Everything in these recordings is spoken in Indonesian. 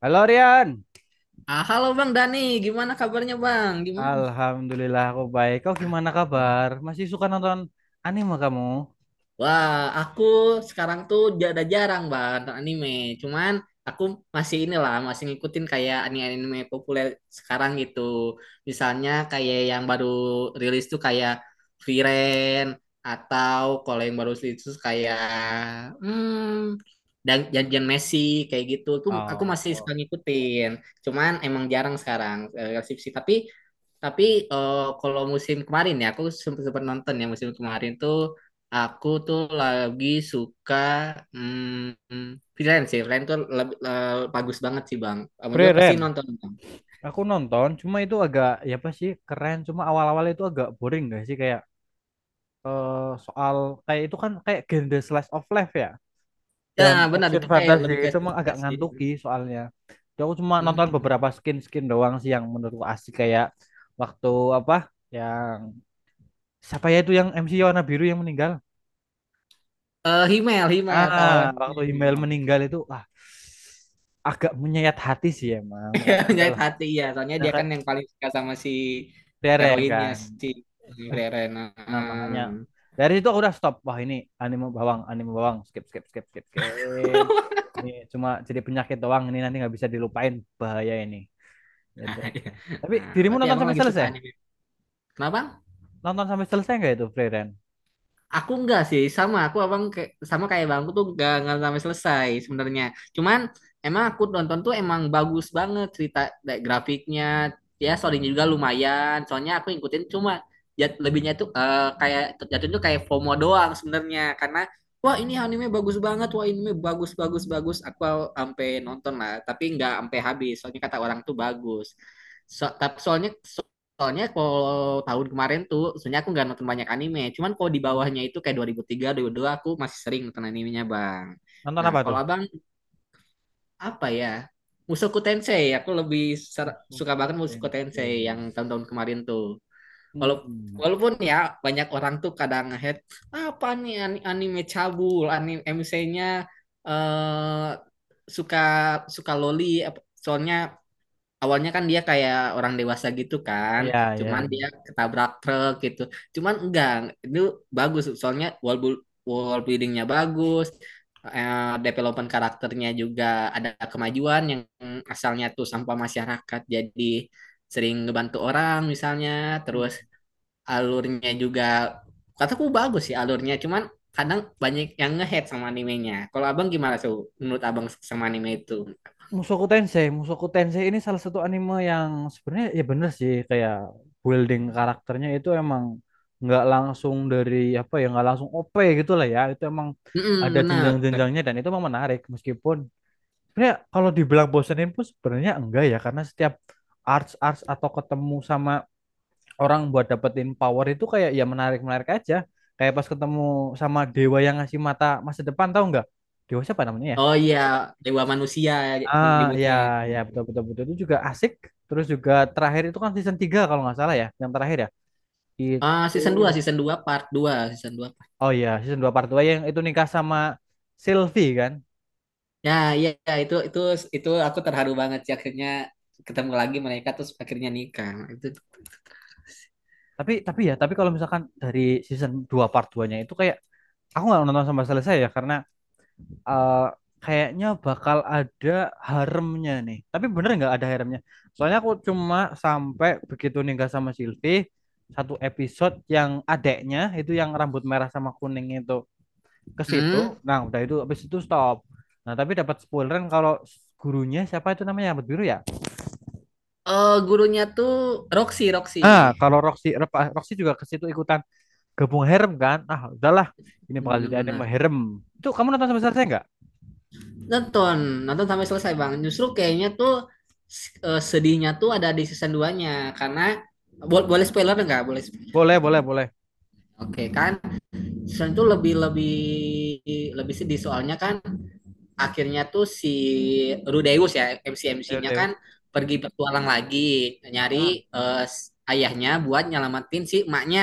Halo Rian. Ah, halo Bang Dani, gimana kabarnya Bang? Gimana? Alhamdulillah aku baik. Kau gimana kabar? Masih suka nonton anime kamu? Wah, aku sekarang tuh jarang Bang nonton anime. Cuman aku masih inilah, masih ngikutin kayak anime-anime populer sekarang gitu. Misalnya kayak yang baru rilis tuh kayak Frieren, atau kalau yang baru rilis tuh kayak hmm, dan janjian Messi kayak gitu. Tuh aku masih suka Oh, ngikutin. Cuman emang jarang sekarang skripsi. Tapi, kalau musim kemarin ya, aku sempat sempat nonton ya musim kemarin tuh aku tuh lagi suka hmm, freelance sih. Freelance tuh lebih, bagus banget sih Bang. Kamu juga pasti keren. nonton Bang. Aku nonton, cuma itu agak ya apa sih keren. Cuma awal-awal itu agak boring gak sih kayak eh, soal kayak itu kan kayak genre slice of life ya Ya dan benar action itu kayak fantasi lebih itu kayak emang agak sukses sih. ngantuki soalnya. Jadi aku cuma Hmm. nonton beberapa skin-skin doang sih yang menurutku asik kayak waktu apa yang siapa ya itu yang MC warna biru yang meninggal? Himmel, Himmel, Ah, pahlawan waktu Himmel Himmel. meninggal itu ah agak menyayat hati sih emang makanya Menyayat udahlah hati ya, soalnya nah, dia kan kayak yang paling suka sama si Deren heroinnya kan. si Eh, Reren. nah makanya dari situ aku udah stop, wah ini anime bawang, anime bawang, skip skip skip skip skip, ini cuma jadi penyakit doang ini nanti nggak bisa dilupain, bahaya ini gitu. Nah, iya. Tapi Nah, dirimu berarti nonton abang sampai lagi suka selesai, anime. Kenapa? nonton sampai selesai nggak itu Deren? Aku enggak sih, sama aku abang kayak sama kayak bangku tuh enggak sampai selesai sebenarnya. Cuman emang aku nonton tuh emang bagus banget cerita grafiknya, ya storynya juga lumayan. Soalnya aku ngikutin cuma lebihnya tuh kayak jatuhnya tuh kayak FOMO doang sebenarnya, karena wah ini anime bagus banget, wah anime bagus bagus bagus. Aku sampai nonton lah, tapi enggak sampai habis. Soalnya kata orang tuh bagus. So, tapi soalnya Soalnya kalau tahun kemarin tuh, sebenarnya aku nggak nonton banyak anime. Cuman kalau di Hmm. bawahnya itu kayak 2003, 2002, aku masih sering nonton animenya, Bang. Nonton Nah, apa kalau tuh? abang, apa ya? Mushoku Tensei, aku lebih suka Mushoku banget Mushoku Tensei yang Tensei. tahun-tahun kemarin tuh. Walau- Hmm, walaupun ya, banyak orang tuh kadang apa nih, anime cabul, anime MC-nya eh suka suka loli, soalnya awalnya kan dia kayak orang dewasa gitu kan, ya, cuman ya. dia ketabrak truk gitu. Cuman enggak, itu bagus soalnya wall buildingnya bagus, eh, development karakternya juga ada kemajuan yang asalnya tuh sampah masyarakat jadi sering ngebantu orang misalnya, Ya. terus alurnya juga kataku bagus sih alurnya, cuman kadang banyak yang ngehead sama animenya. Kalau abang gimana tuh, menurut abang sama anime itu? Mushoku Tensei, Mushoku Tensei ini salah satu anime yang sebenarnya ya bener sih kayak building karakternya itu emang nggak langsung dari apa ya, nggak langsung OP gitu lah ya, itu emang Mm, ada benar. jenjang-jenjangnya dan itu emang menarik, meskipun sebenarnya kalau dibilang bosenin pun sebenarnya enggak ya, karena setiap arts arts atau ketemu sama orang buat dapetin power itu kayak ya menarik menarik aja, kayak pas ketemu sama dewa yang ngasih mata masa depan tahu nggak, dewa siapa namanya ya? Oh iya, Dewa Manusia Ah, ya, nyebutnya. ya, betul, betul, betul. Itu juga asik. Terus juga terakhir itu kan season 3 kalau nggak salah ya, yang terakhir ya. Ah, Itu, season 2 part 2 season dua. oh ya, season 2 part 2 yang itu nikah sama Sylvie kan. Ya, iya iya, itu aku terharu banget sih akhirnya ketemu lagi mereka terus akhirnya nikah. Itu. Tapi ya, tapi kalau misalkan dari season 2 part 2-nya itu kayak, aku nggak nonton sampai selesai ya, karena eh, kayaknya bakal ada haremnya nih. Tapi bener nggak ada haremnya? Soalnya aku cuma sampai begitu nikah sama Sylvie, satu episode yang adeknya itu yang rambut merah sama kuning itu, ke situ. Hmm? Nah, udah itu habis itu stop. Nah, tapi dapat spoileran kalau gurunya siapa itu namanya rambut biru ya. Oh, gurunya tuh Roxy, Roxy. Nah, kalau Roxy Rep- Roxy juga ke situ ikutan gabung harem kan. Ah, udahlah. Ini bakal jadi anime Benar-benar. harem. Itu kamu nonton sampai selesai nggak? Nonton, nonton sampai selesai, Bang. Justru kayaknya tuh sedihnya tuh ada di season duanya karena boleh spoiler nggak? Boleh. Spoiler. Boleh, boleh, boleh. Oke, kan? Season itu lebih lebih lebih sedih soalnya kan akhirnya tuh si Rudeus ya Ayo MC-MC-nya kan Deus. pergi petualang lagi, nyari Heeh. eh, ayahnya buat nyelamatin si emaknya.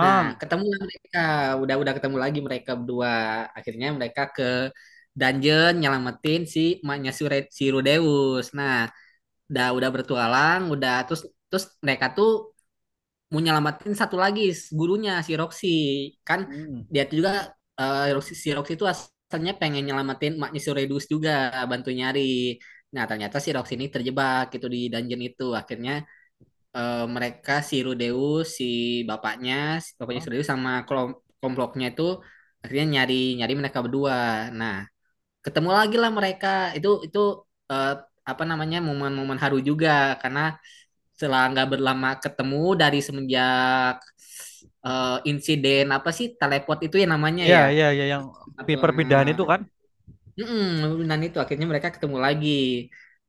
Nah, ketemu lah mereka, udah-udah ketemu lagi mereka berdua. Akhirnya mereka ke dungeon nyelamatin si emaknya si Rudeus. Nah, udah bertualang, udah terus, mereka tuh mau nyelamatin satu lagi, gurunya si Roxy kan. Hmm. Dia tuh juga, Roxy, si Roxy itu asalnya pengen nyelamatin maknya si Redus, juga bantu nyari. Nah, ternyata si Roxy ini terjebak gitu di dungeon itu. Akhirnya, mereka si Rudeus, si bapaknya, si Heeh. Rudeus sama kelompoknya itu akhirnya nyari nyari mereka berdua. Nah, ketemu lagi lah mereka. itu itu eh, Apa namanya, momen-momen haru juga, karena setelah nggak berlama ketemu dari semenjak insiden, apa sih, teleport itu ya namanya Iya, ya, iya, iya, yang pi- atau perpindahan itu kan. Mm-mm, dan itu akhirnya mereka ketemu lagi.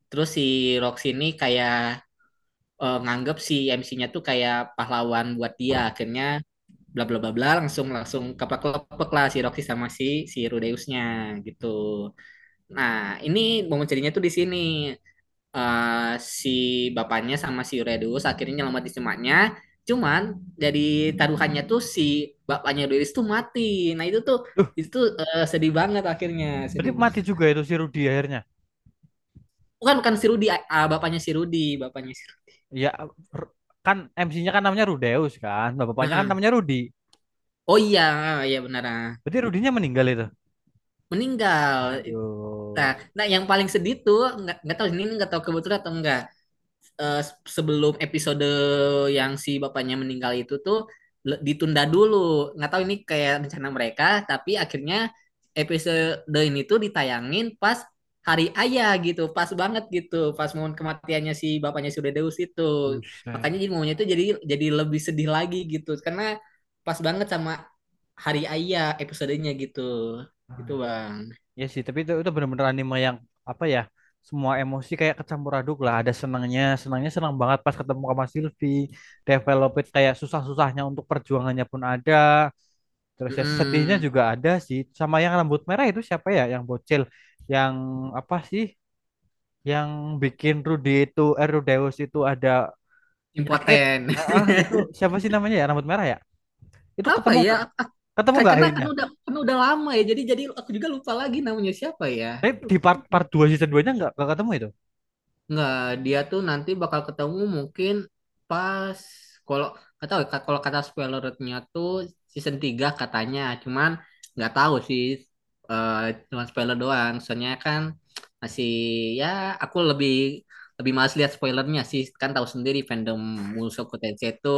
Terus si Rox ini kayak nganggep si MC-nya tuh kayak pahlawan buat dia, akhirnya bla bla bla bla, langsung langsung keplek-keplek lah si Roxy sama si si Rudeusnya gitu. Nah, ini momen ceritanya tuh di sini, eh, si bapaknya sama si Redus akhirnya nyelamatin si emaknya. Cuman dari taruhannya tuh si bapaknya Redus tuh mati. Nah itu tuh, Duh, sedih banget akhirnya, sedih berarti mati banget. juga itu si Rudy akhirnya. Bukan bukan si Rudy, ah, bapaknya si Rudy, bapaknya si Rudy. Iya, r- kan MC-nya kan namanya Rudeus kan. Nah, bapaknya kan Heeh. namanya Rudi. Oh iya, iya benar. Ah. Berarti Rudinya meninggal itu. Meninggal. Nah, Aduh. nah yang paling sedih tuh nggak tahu, ini nggak tahu kebetulan atau enggak. eh, Sebelum episode yang si bapaknya meninggal itu tuh ditunda dulu. Nggak tahu ini kayak rencana mereka, tapi akhirnya episode ini tuh ditayangin pas hari ayah gitu, pas banget gitu, pas momen kematiannya si bapaknya Deus itu. Buset. Makanya jadi momennya itu jadi, lebih sedih lagi gitu, karena pas banget sama hari ayah episodenya gitu. Gitu, Bang. Ya sih, tapi itu benar-benar anime yang apa ya? Semua emosi kayak kecampur aduk lah. Ada senangnya, senangnya senang banget pas ketemu sama Sylvie. Develop kayak susah-susahnya untuk perjuangannya pun ada. Terus ya sedihnya Mm-mm. juga ada sih. Sama yang rambut merah itu siapa ya? Yang bocil, yang apa sih? Yang bikin Rudy itu, Rudeus itu ada penyakit. Impoten. Ah, ah, itu siapa sih namanya ya? Rambut merah ya? Itu Apa ketemu ya? nggak? Ak- Ketemu kayak, nggak akhirnya? Karena udah lama ya. Jadi, aku juga lupa lagi namanya siapa ya. Tapi di part part 2 season 2-nya nggak ketemu itu. Nggak, dia tuh nanti bakal ketemu mungkin pas, kalau nggak tahu ya, kalau kata spoilernya tuh season 3 katanya. Cuman nggak tahu sih, eh cuman spoiler doang. Soalnya kan masih ya, aku lebih lebih males lihat spoilernya sih, kan tahu sendiri fandom Mushoku Tensei itu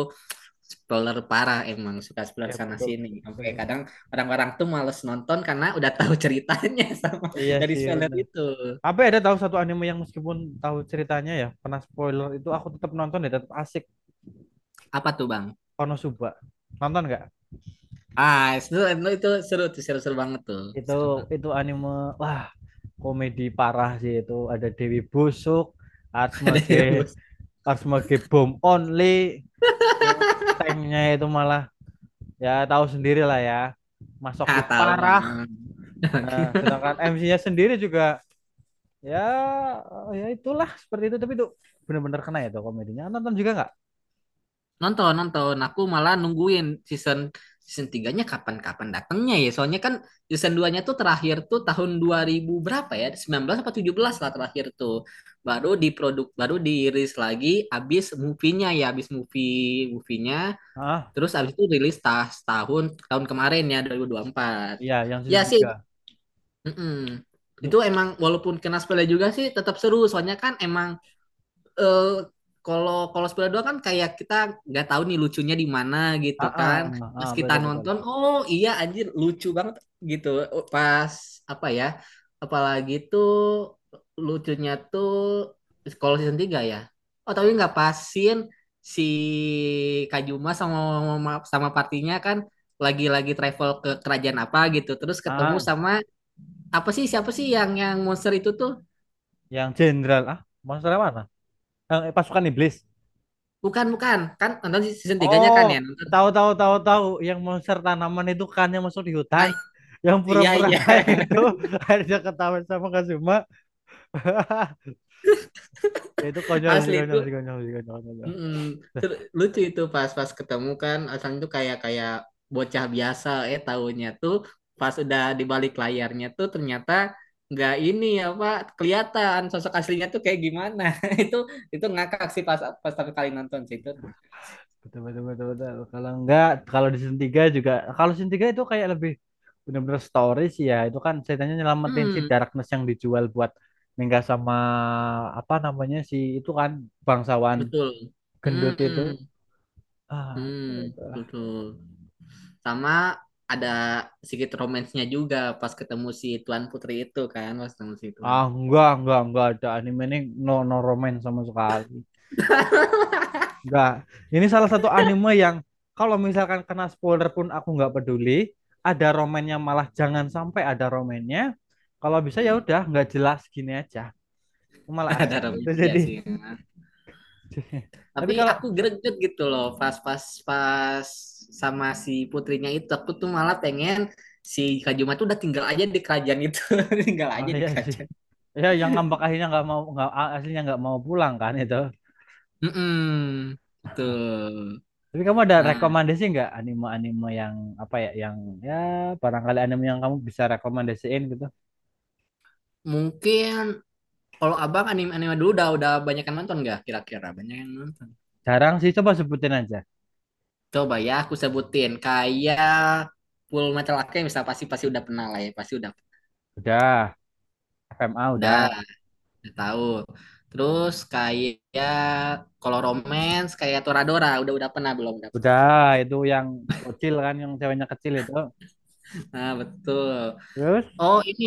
spoiler parah, emang suka spoiler Ya sana betul, sini betul, sampai betul. kadang orang-orang tuh males nonton karena udah tahu ceritanya, sama Iya dari sih spoiler benar. itu. Apa ada tahu satu anime yang meskipun tahu ceritanya ya, pernah spoiler itu aku tetap nonton ya, tetap asik. Apa tuh Bang? Konosuba. Nonton nggak? Ah, itu seru tuh, seru-seru banget tuh, seru Itu banget. itu anime wah, komedi parah sih itu. Ada Dewi Busuk, Arsmage, Arsmage Bomb Only, terus tanknya itu malah ya tahu sendiri lah ya. Ah, Masokis tahu Bang. parah. Nah, sedangkan MC-nya sendiri juga ya ya itulah seperti itu tapi itu bener-bener kena ya tuh komedinya. Ah, nonton juga nggak? Nonton, nonton. Aku malah nungguin season, tiganya kapan-kapan datangnya ya. Soalnya kan season duanya tuh terakhir tuh tahun 2000 berapa ya? 19 apa 17 lah terakhir tuh. Baru diproduk baru dirilis lagi abis movie-nya ya, abis movie-nya. Ah Terus abis itu rilis, tahun tahun kemarin ya, 2024. iya yang Ya season sih. 3 Mm-mm. tuh. Itu emang walaupun kena spoiler juga sih tetap seru. Soalnya kan emang, eh, kalau kalau Spiral 2 kan kayak kita nggak tahu nih lucunya di mana Ah, gitu ah, kan. ah, Pas kita betul, betul, nonton, betul. oh iya anjir lucu banget gitu. Pas apa ya? Apalagi tuh lucunya tuh kalau season 3 ya. Oh tapi nggak pasin si Kajuma sama sama partinya kan lagi-lagi travel ke kerajaan apa gitu. Terus ketemu Ah sama, apa sih, siapa sih, yang monster itu tuh? yang jenderal, ah monster yang mana, yang pasukan iblis? Bukan bukan kan nonton season 3-nya Oh, kan ya. tahu tahu tahu tahu, yang monster tanaman itu kan yang masuk di hutan, Nah, yang iya pura-pura iya. baik itu akhirnya ketahuan sama Kazuma. Ya itu konyol sih, Asli konyol sih itu. konyol sih konyol, konyol. Mm-mm. Lucu itu pas pas ketemu kan Asan tuh kayak kayak bocah biasa, tahunya tuh pas udah di balik layarnya tuh ternyata nggak, ini apa, kelihatan sosok aslinya tuh kayak gimana. Itu, ngakak sih pas pas pertama kali nonton sih itu. Betul, betul, betul, betul. Kalau enggak, kalau di season 3 juga, kalau season 3 itu kayak lebih benar-benar story sih ya. Itu kan ceritanya nyelamatin si Hmm. Darkness yang dijual buat nikah sama apa namanya si itu kan bangsawan Betul. gendut itu. Hmm. Ah, Hmm. itu Betul. Sama, ada sedikit romansnya juga pas ketemu si Tuan Putri itu kan, pas ketemu si Tuan. ah enggak, ada anime ini no no romance sama sekali. Enggak. Ini salah satu anime yang kalau misalkan kena spoiler pun aku nggak peduli. Ada romannya, malah jangan sampai ada romannya. Kalau bisa ya Hmm. udah nggak jelas gini aja. Malah Ada asik Robby itu iya jadi. sih. Tapi Tapi kalau aku greget gitu loh pas pas pas sama si putrinya itu. Aku tuh malah pengen si Kak Juma tuh udah tinggal aja di kerajaan itu, tinggal oh aja di iya sih. kerajaan. Ya yang ngambek akhirnya nggak mau, nggak aslinya nggak mau pulang kan itu. Mm-mm, betul. Tapi kamu ada Nah, rekomendasi nggak anime-anime yang apa ya yang ya barangkali anime yang kamu bisa rekomendasiin gitu. mungkin kalau Abang anime-anime dulu udah banyak yang nonton gak kira-kira? Banyak yang nonton. Jarang sih, coba sebutin aja. Coba ya aku sebutin kayak Full Metal Alchemist pasti pasti udah pernah lah ya, pasti Udah, FMA udah udah. udah tahu. Terus kayak kalau romance kayak Toradora udah pernah belum dapet. Udah, itu yang kecil kan, yang ceweknya kecil itu. Nah, betul. Terus, Oh, ini,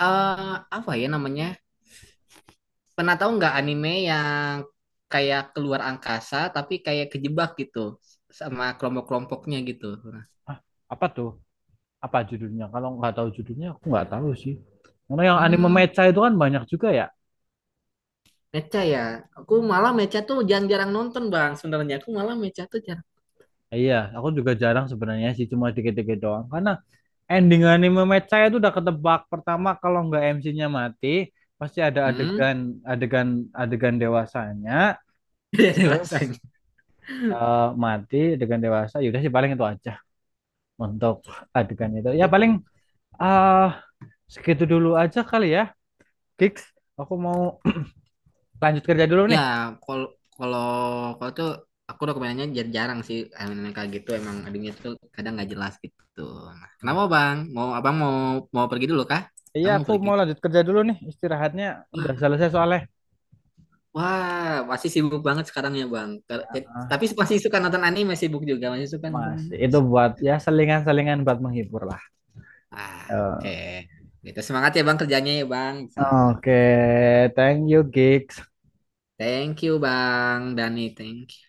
eh apa ya namanya? Pernah tahu nggak anime yang kayak keluar angkasa tapi kayak kejebak gitu sama kelompok-kelompoknya gitu. Nah, ah, apa tuh? Apa judulnya? Kalau nggak tahu judulnya, aku nggak tahu sih. Karena yang anime hmm, mecha itu kan banyak juga ya. mecha ya. Aku malah mecha tuh jarang-jarang nonton, Bang. Sebenarnya aku malah mecha tuh jarang. Iya, aku juga jarang sebenarnya sih, cuma dikit-dikit doang. Karena ending anime mecha itu udah ketebak. Pertama, kalau nggak MC-nya mati, pasti ada Hmm. adegan adegan adegan dewasanya. Jadi Terus rasanya. Mati adegan dewasa. Yaudah sih paling itu aja untuk adegan itu. Ya paling ah segitu dulu aja kali ya. Kiks, aku mau lanjut kerja dulu Ya, nih. kalau kalau kalau tuh aku dokumennya jarang sih anime kayak gitu, emang adanya tuh kadang nggak jelas gitu. Nah, kenapa Ya. Bang? Mau Abang mau mau pergi dulu kah? Iya, Kamu mau aku pergi mau tuh. lanjut kerja dulu nih. Istirahatnya udah Wah, selesai soalnya. wah, pasti sibuk banget sekarang ya Bang. Tapi Ah, masih suka nonton anime sibuk juga, masih suka nonton Mas, anime. itu buat ya selingan-selingan buat menghibur lah. Ah, oke. Eh, Gitu semangat ya Bang kerjanya ya Bang, semangatnya. oke, thank you, Gigs. Thank you Bang Dani, thank